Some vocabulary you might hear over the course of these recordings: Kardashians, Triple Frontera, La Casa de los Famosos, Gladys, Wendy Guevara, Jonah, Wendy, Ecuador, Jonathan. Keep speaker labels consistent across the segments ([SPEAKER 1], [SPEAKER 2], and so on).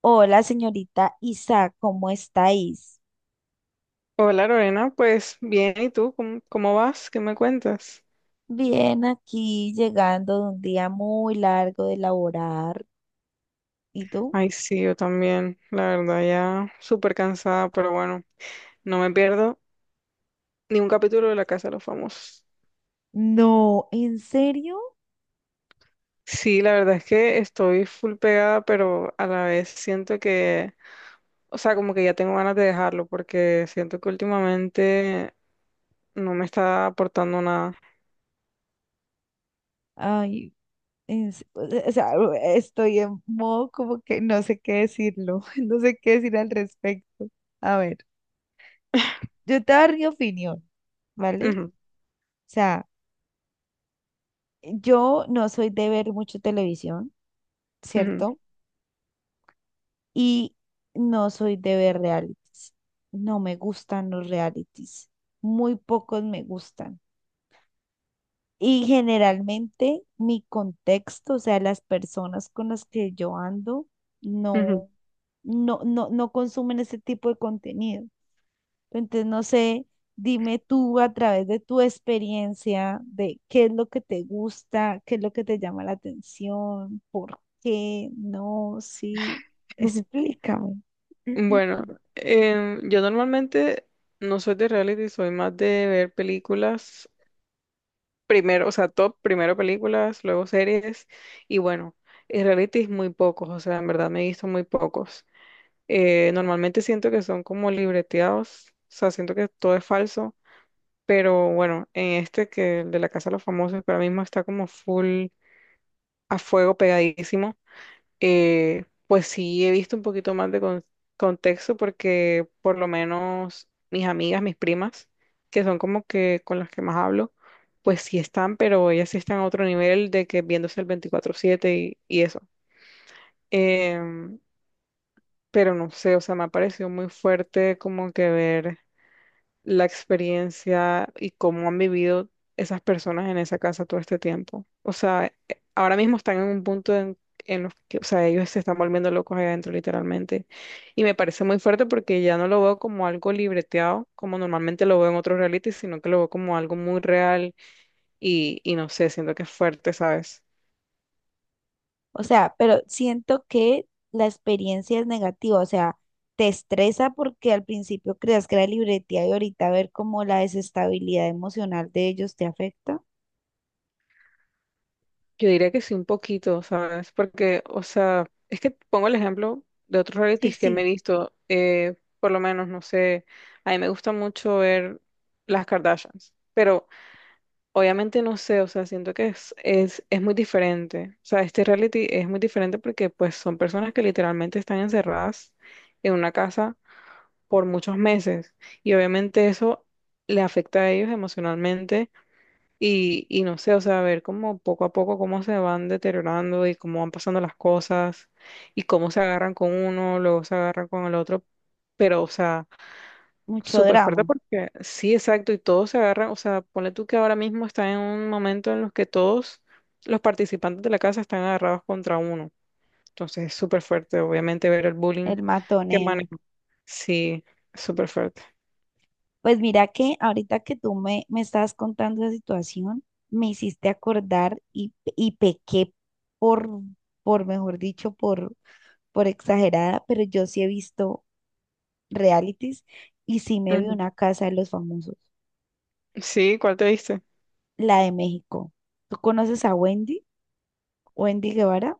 [SPEAKER 1] Hola, señorita Isa, ¿cómo estáis?
[SPEAKER 2] Hola Lorena, pues bien, ¿y tú? ¿Cómo vas? ¿Qué me cuentas?
[SPEAKER 1] Bien, aquí llegando de un día muy largo de laborar. ¿Y tú?
[SPEAKER 2] Ay, sí, yo también, la verdad, ya súper cansada, pero bueno, no me pierdo ni un capítulo de La Casa de los Famosos.
[SPEAKER 1] No, ¿en serio?
[SPEAKER 2] Sí, la verdad es que estoy full pegada, pero a la vez siento que, o sea, como que ya tengo ganas de dejarlo, porque siento que últimamente no me está aportando nada.
[SPEAKER 1] Ay, o sea, estoy en modo como que no sé qué decirlo, no sé qué decir al respecto. A ver, yo te daré mi opinión, ¿vale?
[SPEAKER 2] Ujú,
[SPEAKER 1] O sea, yo no soy de ver mucho televisión, ¿cierto? Y no soy de ver realities. No me gustan los realities. Muy pocos me gustan. Y generalmente mi contexto, o sea, las personas con las que yo ando,
[SPEAKER 2] ujú, ujú.
[SPEAKER 1] no, no consumen ese tipo de contenido. Entonces, no sé, dime tú a través de tu experiencia de qué es lo que te gusta, qué es lo que te llama la atención, por qué, no, sí, explícame.
[SPEAKER 2] Bueno, yo normalmente no soy de reality, soy más de ver películas primero, o sea, top, primero películas, luego series, y bueno, en reality muy pocos, o sea, en verdad me he visto muy pocos. Normalmente siento que son como libreteados, o sea, siento que todo es falso, pero bueno, en este que el de la Casa de los Famosos para mí mismo está como full a fuego pegadísimo, pues sí he visto un poquito más de contexto porque por lo menos mis amigas, mis primas, que son como que con las que más hablo, pues sí están, pero ellas sí están a otro nivel de que viéndose el 24/7 y eso. Em, pero no sé, o sea, me ha parecido muy fuerte como que ver la experiencia y cómo han vivido esas personas en esa casa todo este tiempo. O sea, ahora mismo están en un punto en los que, o sea, ellos se están volviendo locos ahí adentro, literalmente. Y me parece muy fuerte porque ya no lo veo como algo libreteado, como normalmente lo veo en otros realities, sino que lo veo como algo muy real y no sé, siento que es fuerte, ¿sabes?
[SPEAKER 1] O sea, pero siento que la experiencia es negativa, o sea, te estresa porque al principio creas que era libretía y ahorita ver cómo la desestabilidad emocional de ellos te afecta.
[SPEAKER 2] Yo diría que sí, un poquito, ¿sabes? Porque, o sea, es que pongo el ejemplo de otros
[SPEAKER 1] Sí,
[SPEAKER 2] realities que me he
[SPEAKER 1] sí,
[SPEAKER 2] visto, por lo menos, no sé, a mí me gusta mucho ver las Kardashians, pero obviamente no sé, o sea, siento que es muy diferente, o sea, este reality es muy diferente porque pues son personas que literalmente están encerradas en una casa por muchos meses y obviamente eso le afecta a ellos emocionalmente y no sé, o sea, ver cómo poco a poco cómo se van deteriorando y cómo van pasando las cosas y cómo se agarran con uno, luego se agarran con el otro. Pero, o sea,
[SPEAKER 1] mucho
[SPEAKER 2] súper fuerte
[SPEAKER 1] drama,
[SPEAKER 2] porque sí, exacto, y todos se agarran, o sea, ponle tú que ahora mismo está en un momento en los que todos los participantes de la casa están agarrados contra uno. Entonces es súper fuerte, obviamente, ver el bullying
[SPEAKER 1] el
[SPEAKER 2] que
[SPEAKER 1] matoneo.
[SPEAKER 2] manejan. Sí, súper fuerte.
[SPEAKER 1] Pues mira que ahorita que tú me estabas contando esa situación, me hiciste acordar y pequé por, mejor dicho, por exagerada, pero yo sí he visto realities y sí me vi
[SPEAKER 2] Ujú.
[SPEAKER 1] una casa de los famosos,
[SPEAKER 2] Sí, ¿cuál te diste?
[SPEAKER 1] la de México. ¿Tú conoces a Wendy? Wendy Guevara.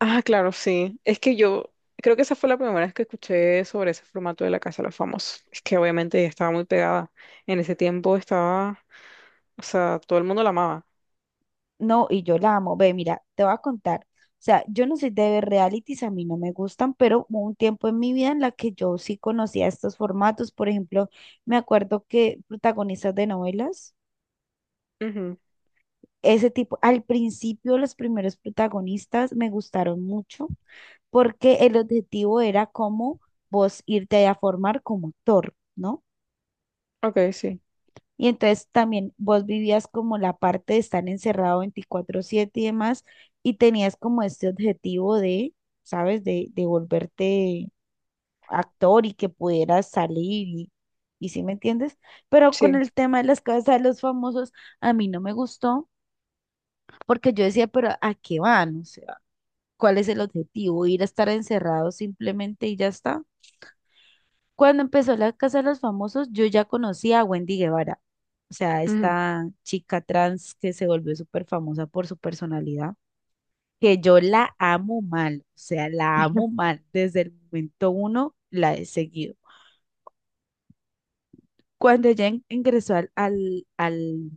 [SPEAKER 2] Ah, claro, sí. Es que yo creo que esa fue la primera vez que escuché sobre ese formato de La Casa de los Famosos. Es que obviamente ya estaba muy pegada. En ese tiempo estaba, o sea, todo el mundo la amaba.
[SPEAKER 1] No, y yo la amo. Ve, mira, te voy a contar. O sea, yo no soy de ver realities, a mí no me gustan, pero hubo un tiempo en mi vida en la que yo sí conocía estos formatos. Por ejemplo, me acuerdo que protagonistas de novelas,
[SPEAKER 2] Ujú.
[SPEAKER 1] ese tipo, al principio los primeros protagonistas me gustaron mucho porque el objetivo era como vos irte a formar como actor, ¿no?
[SPEAKER 2] Ok, sí,
[SPEAKER 1] Y entonces también vos vivías como la parte de estar encerrado 24/7 y demás, y tenías como este objetivo de, ¿sabes? De volverte actor y que pudieras salir y ¿sí me entiendes? Pero con
[SPEAKER 2] sí.
[SPEAKER 1] el tema de las casas de los famosos, a mí no me gustó, porque yo decía, pero ¿a qué van? O sea, ¿cuál es el objetivo? ¿Ir a estar encerrado simplemente y ya está? Cuando empezó la Casa de los Famosos, yo ya conocía a Wendy Guevara, o sea,
[SPEAKER 2] Ujú,
[SPEAKER 1] esta chica trans que se volvió súper famosa por su personalidad, que yo la amo mal, o sea, la amo mal. Desde el momento uno la he seguido. Cuando ella ingresó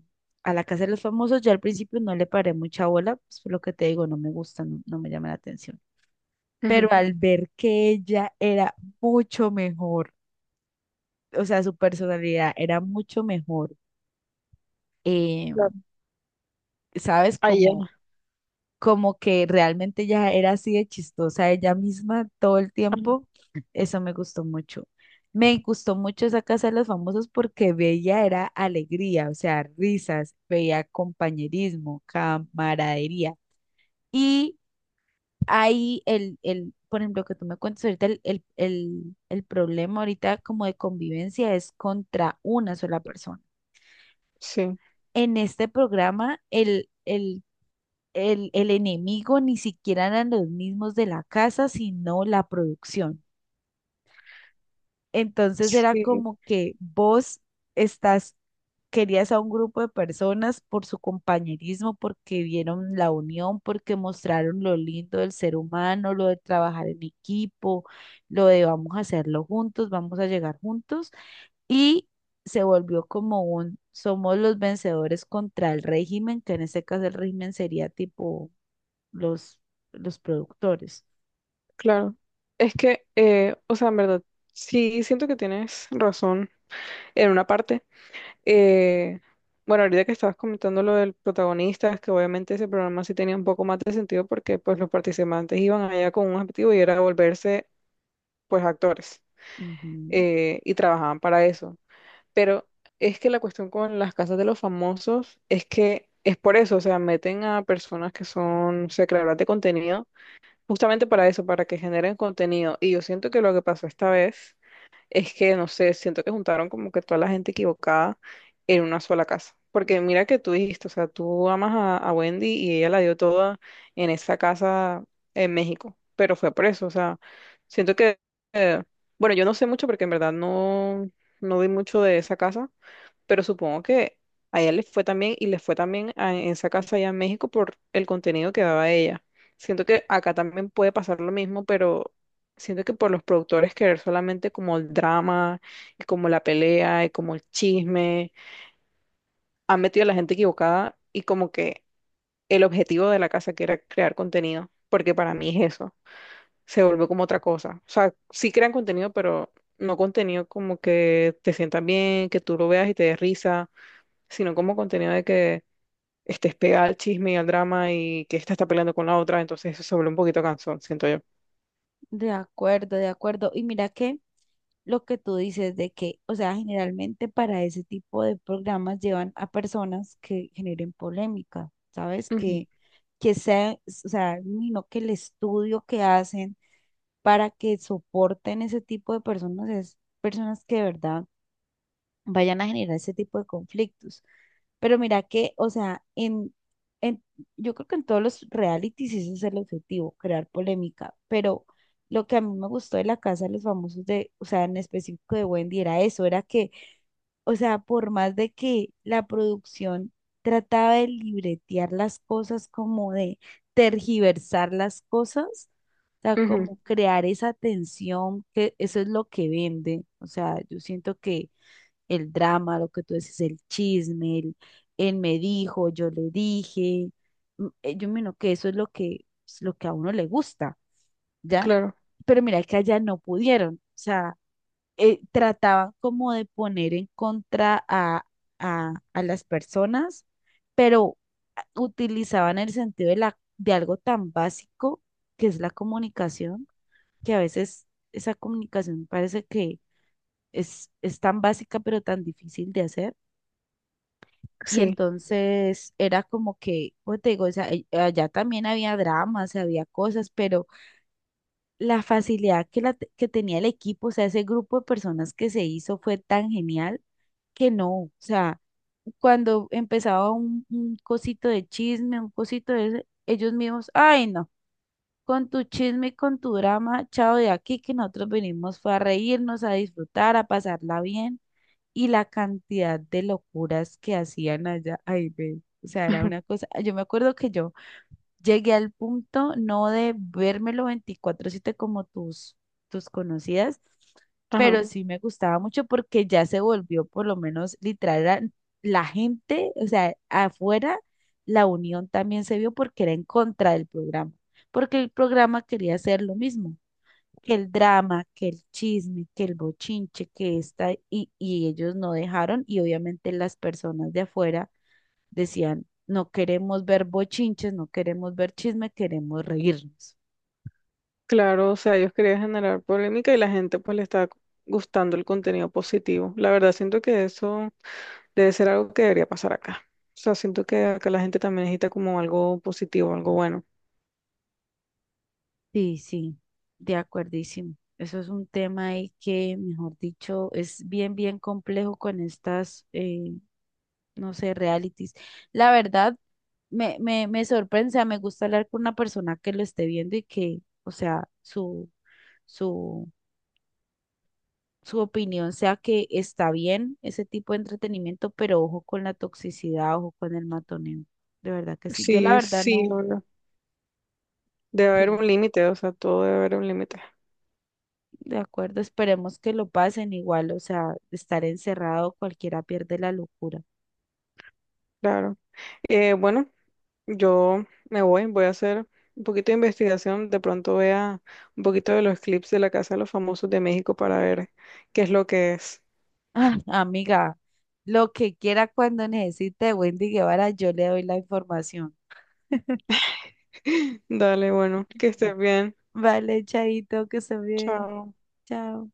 [SPEAKER 1] a la Casa de los Famosos, yo al principio no le paré mucha bola, pues por lo que te digo, no me gusta, no, no me llama la atención. Pero
[SPEAKER 2] ujú.
[SPEAKER 1] al ver que ella era mucho mejor, o sea, su personalidad era mucho mejor eh,
[SPEAKER 2] Claro.
[SPEAKER 1] ¿sabes?
[SPEAKER 2] Ahí ya.
[SPEAKER 1] Como que realmente ya era así de chistosa ella misma todo el
[SPEAKER 2] Ajá.
[SPEAKER 1] tiempo. Eso me gustó mucho. Me gustó mucho esa Casa de los Famosos porque veía era alegría, o sea, risas, veía compañerismo, camaradería. Y ahí por ejemplo, que tú me cuentas ahorita, el problema ahorita como de convivencia es contra una sola persona.
[SPEAKER 2] Sí,
[SPEAKER 1] En este programa, el enemigo ni siquiera eran los mismos de la casa, sino la producción. Entonces era
[SPEAKER 2] sí,
[SPEAKER 1] como que vos estás, querías a un grupo de personas por su compañerismo, porque vieron la unión, porque mostraron lo lindo del ser humano, lo de trabajar en equipo, lo de vamos a hacerlo juntos, vamos a llegar juntos. Y se volvió como un, somos los vencedores contra el régimen, que en este caso el régimen sería tipo los, los productores.
[SPEAKER 2] claro. Es que, o sea, en verdad, sí siento que tienes razón en una parte. Eh, bueno, ahorita que estabas comentando lo del protagonista, es que obviamente ese programa sí tenía un poco más de sentido porque pues los participantes iban allá con un objetivo y era volverse pues actores,
[SPEAKER 1] Ujú.
[SPEAKER 2] y trabajaban para eso. Pero es que la cuestión con las casas de los famosos es que es por eso, o sea, meten a personas que son, o sea, creadoras de contenido justamente para eso, para que generen contenido. Y yo siento que lo que pasó esta vez es que, no sé, siento que juntaron como que toda la gente equivocada en una sola casa. Porque mira que tú dijiste, o sea, tú amas a Wendy y ella la dio toda en esa casa en México, pero fue por eso, o sea, siento que, eh, bueno, yo no sé mucho porque en verdad no vi mucho de esa casa, pero supongo que a ella le fue también y le fue también en esa casa allá en México por el contenido que daba ella. Siento que acá también puede pasar lo mismo, pero siento que por los productores querer solamente como el drama, y como la pelea, y como el chisme, han metido a la gente equivocada y como que el objetivo de la casa que era crear contenido, porque para mí es eso, se vuelve como otra cosa. O sea, sí crean contenido, pero no contenido como que te sientan bien, que tú lo veas y te des risa, sino como contenido de que estés pegada al chisme y al drama y que esta está peleando con la otra, entonces eso se vuelve un poquito cansón, siento yo.
[SPEAKER 1] De acuerdo, de acuerdo. Y mira que lo que tú dices de que, o sea, generalmente para ese tipo de programas llevan a personas que generen polémica, ¿sabes?
[SPEAKER 2] Ujú,
[SPEAKER 1] Que sea, o sea, no que el estudio que hacen para que soporten ese tipo de personas es personas que de verdad vayan a generar ese tipo de conflictos. Pero mira que, o sea, en, yo creo que en todos los realities ese es el objetivo, crear polémica. Pero lo que a mí me gustó de La Casa de los Famosos, de, o sea, en específico de Wendy, era eso, era que, o sea, por más de que la producción trataba de libretear las cosas, como de tergiversar las cosas, o sea,
[SPEAKER 2] ujú,
[SPEAKER 1] como crear esa tensión, que eso es lo que vende. O sea, yo siento que el drama, lo que tú dices, el chisme, él me dijo, yo le dije. Yo miro que eso es lo que a uno le gusta, ¿ya?
[SPEAKER 2] claro,
[SPEAKER 1] Pero mira que allá no pudieron, o sea, trataban como de poner en contra a, a las personas, pero utilizaban el sentido de algo tan básico que es la comunicación, que a veces esa comunicación parece que es tan básica pero tan difícil de hacer. Y
[SPEAKER 2] sí.
[SPEAKER 1] entonces era como que, pues te digo, o sea, allá también había dramas, había cosas, pero la facilidad que tenía el equipo, o sea, ese grupo de personas que se hizo fue tan genial que no, o sea, cuando empezaba un cosito de chisme, un cosito de ese, ellos mismos, ay no, con tu chisme, y con tu drama, chao de aquí, que nosotros venimos fue a reírnos, a disfrutar, a pasarla bien y la cantidad de locuras que hacían allá, ay, ve, o sea, era
[SPEAKER 2] ujú,
[SPEAKER 1] una cosa, yo me acuerdo que yo llegué al punto no de vérmelo 24/7 como tus conocidas,
[SPEAKER 2] ajá,
[SPEAKER 1] pero sí me gustaba mucho porque ya se volvió por lo menos literal era la gente, o sea, afuera la unión también se vio porque era en contra del programa, porque el programa quería hacer lo mismo que el drama, que el chisme, que el bochinche, que esta, y ellos no dejaron, y obviamente las personas de afuera decían, no queremos ver bochinches, no queremos ver chisme, queremos reírnos.
[SPEAKER 2] claro, o sea, ellos querían generar polémica y la gente pues le está gustando el contenido positivo. La verdad, siento que eso debe ser algo que debería pasar acá. O sea, siento que acá la gente también necesita como algo positivo, algo bueno.
[SPEAKER 1] Sí, sí, de acuerdísimo. Eso es un tema ahí que, mejor dicho, es bien, bien complejo con estas, no sé, realities. La verdad, me sorprende, o sea, me gusta hablar con una persona que lo esté viendo y que, o sea, su, su su opinión sea que está bien ese tipo de entretenimiento, pero ojo con la toxicidad, ojo con el matoneo. De verdad que sí. Yo la
[SPEAKER 2] Sí,
[SPEAKER 1] verdad
[SPEAKER 2] sí,
[SPEAKER 1] no,
[SPEAKER 2] no, no, debe haber
[SPEAKER 1] sí,
[SPEAKER 2] un límite, o sea, todo debe haber un límite,
[SPEAKER 1] de acuerdo, esperemos que lo pasen igual, o sea, estar encerrado cualquiera pierde la locura.
[SPEAKER 2] claro. Bueno. Yo me voy, voy a hacer un poquito de investigación, de pronto vea un poquito de los clips de la Casa de los Famosos de México para ver qué es lo que es.
[SPEAKER 1] Ah, amiga, lo que quiera cuando necesite de Wendy Guevara, yo le doy la información.
[SPEAKER 2] Dale, bueno, que estés bien.
[SPEAKER 1] Vale, chaito, que se bien.
[SPEAKER 2] Chao.
[SPEAKER 1] Chao.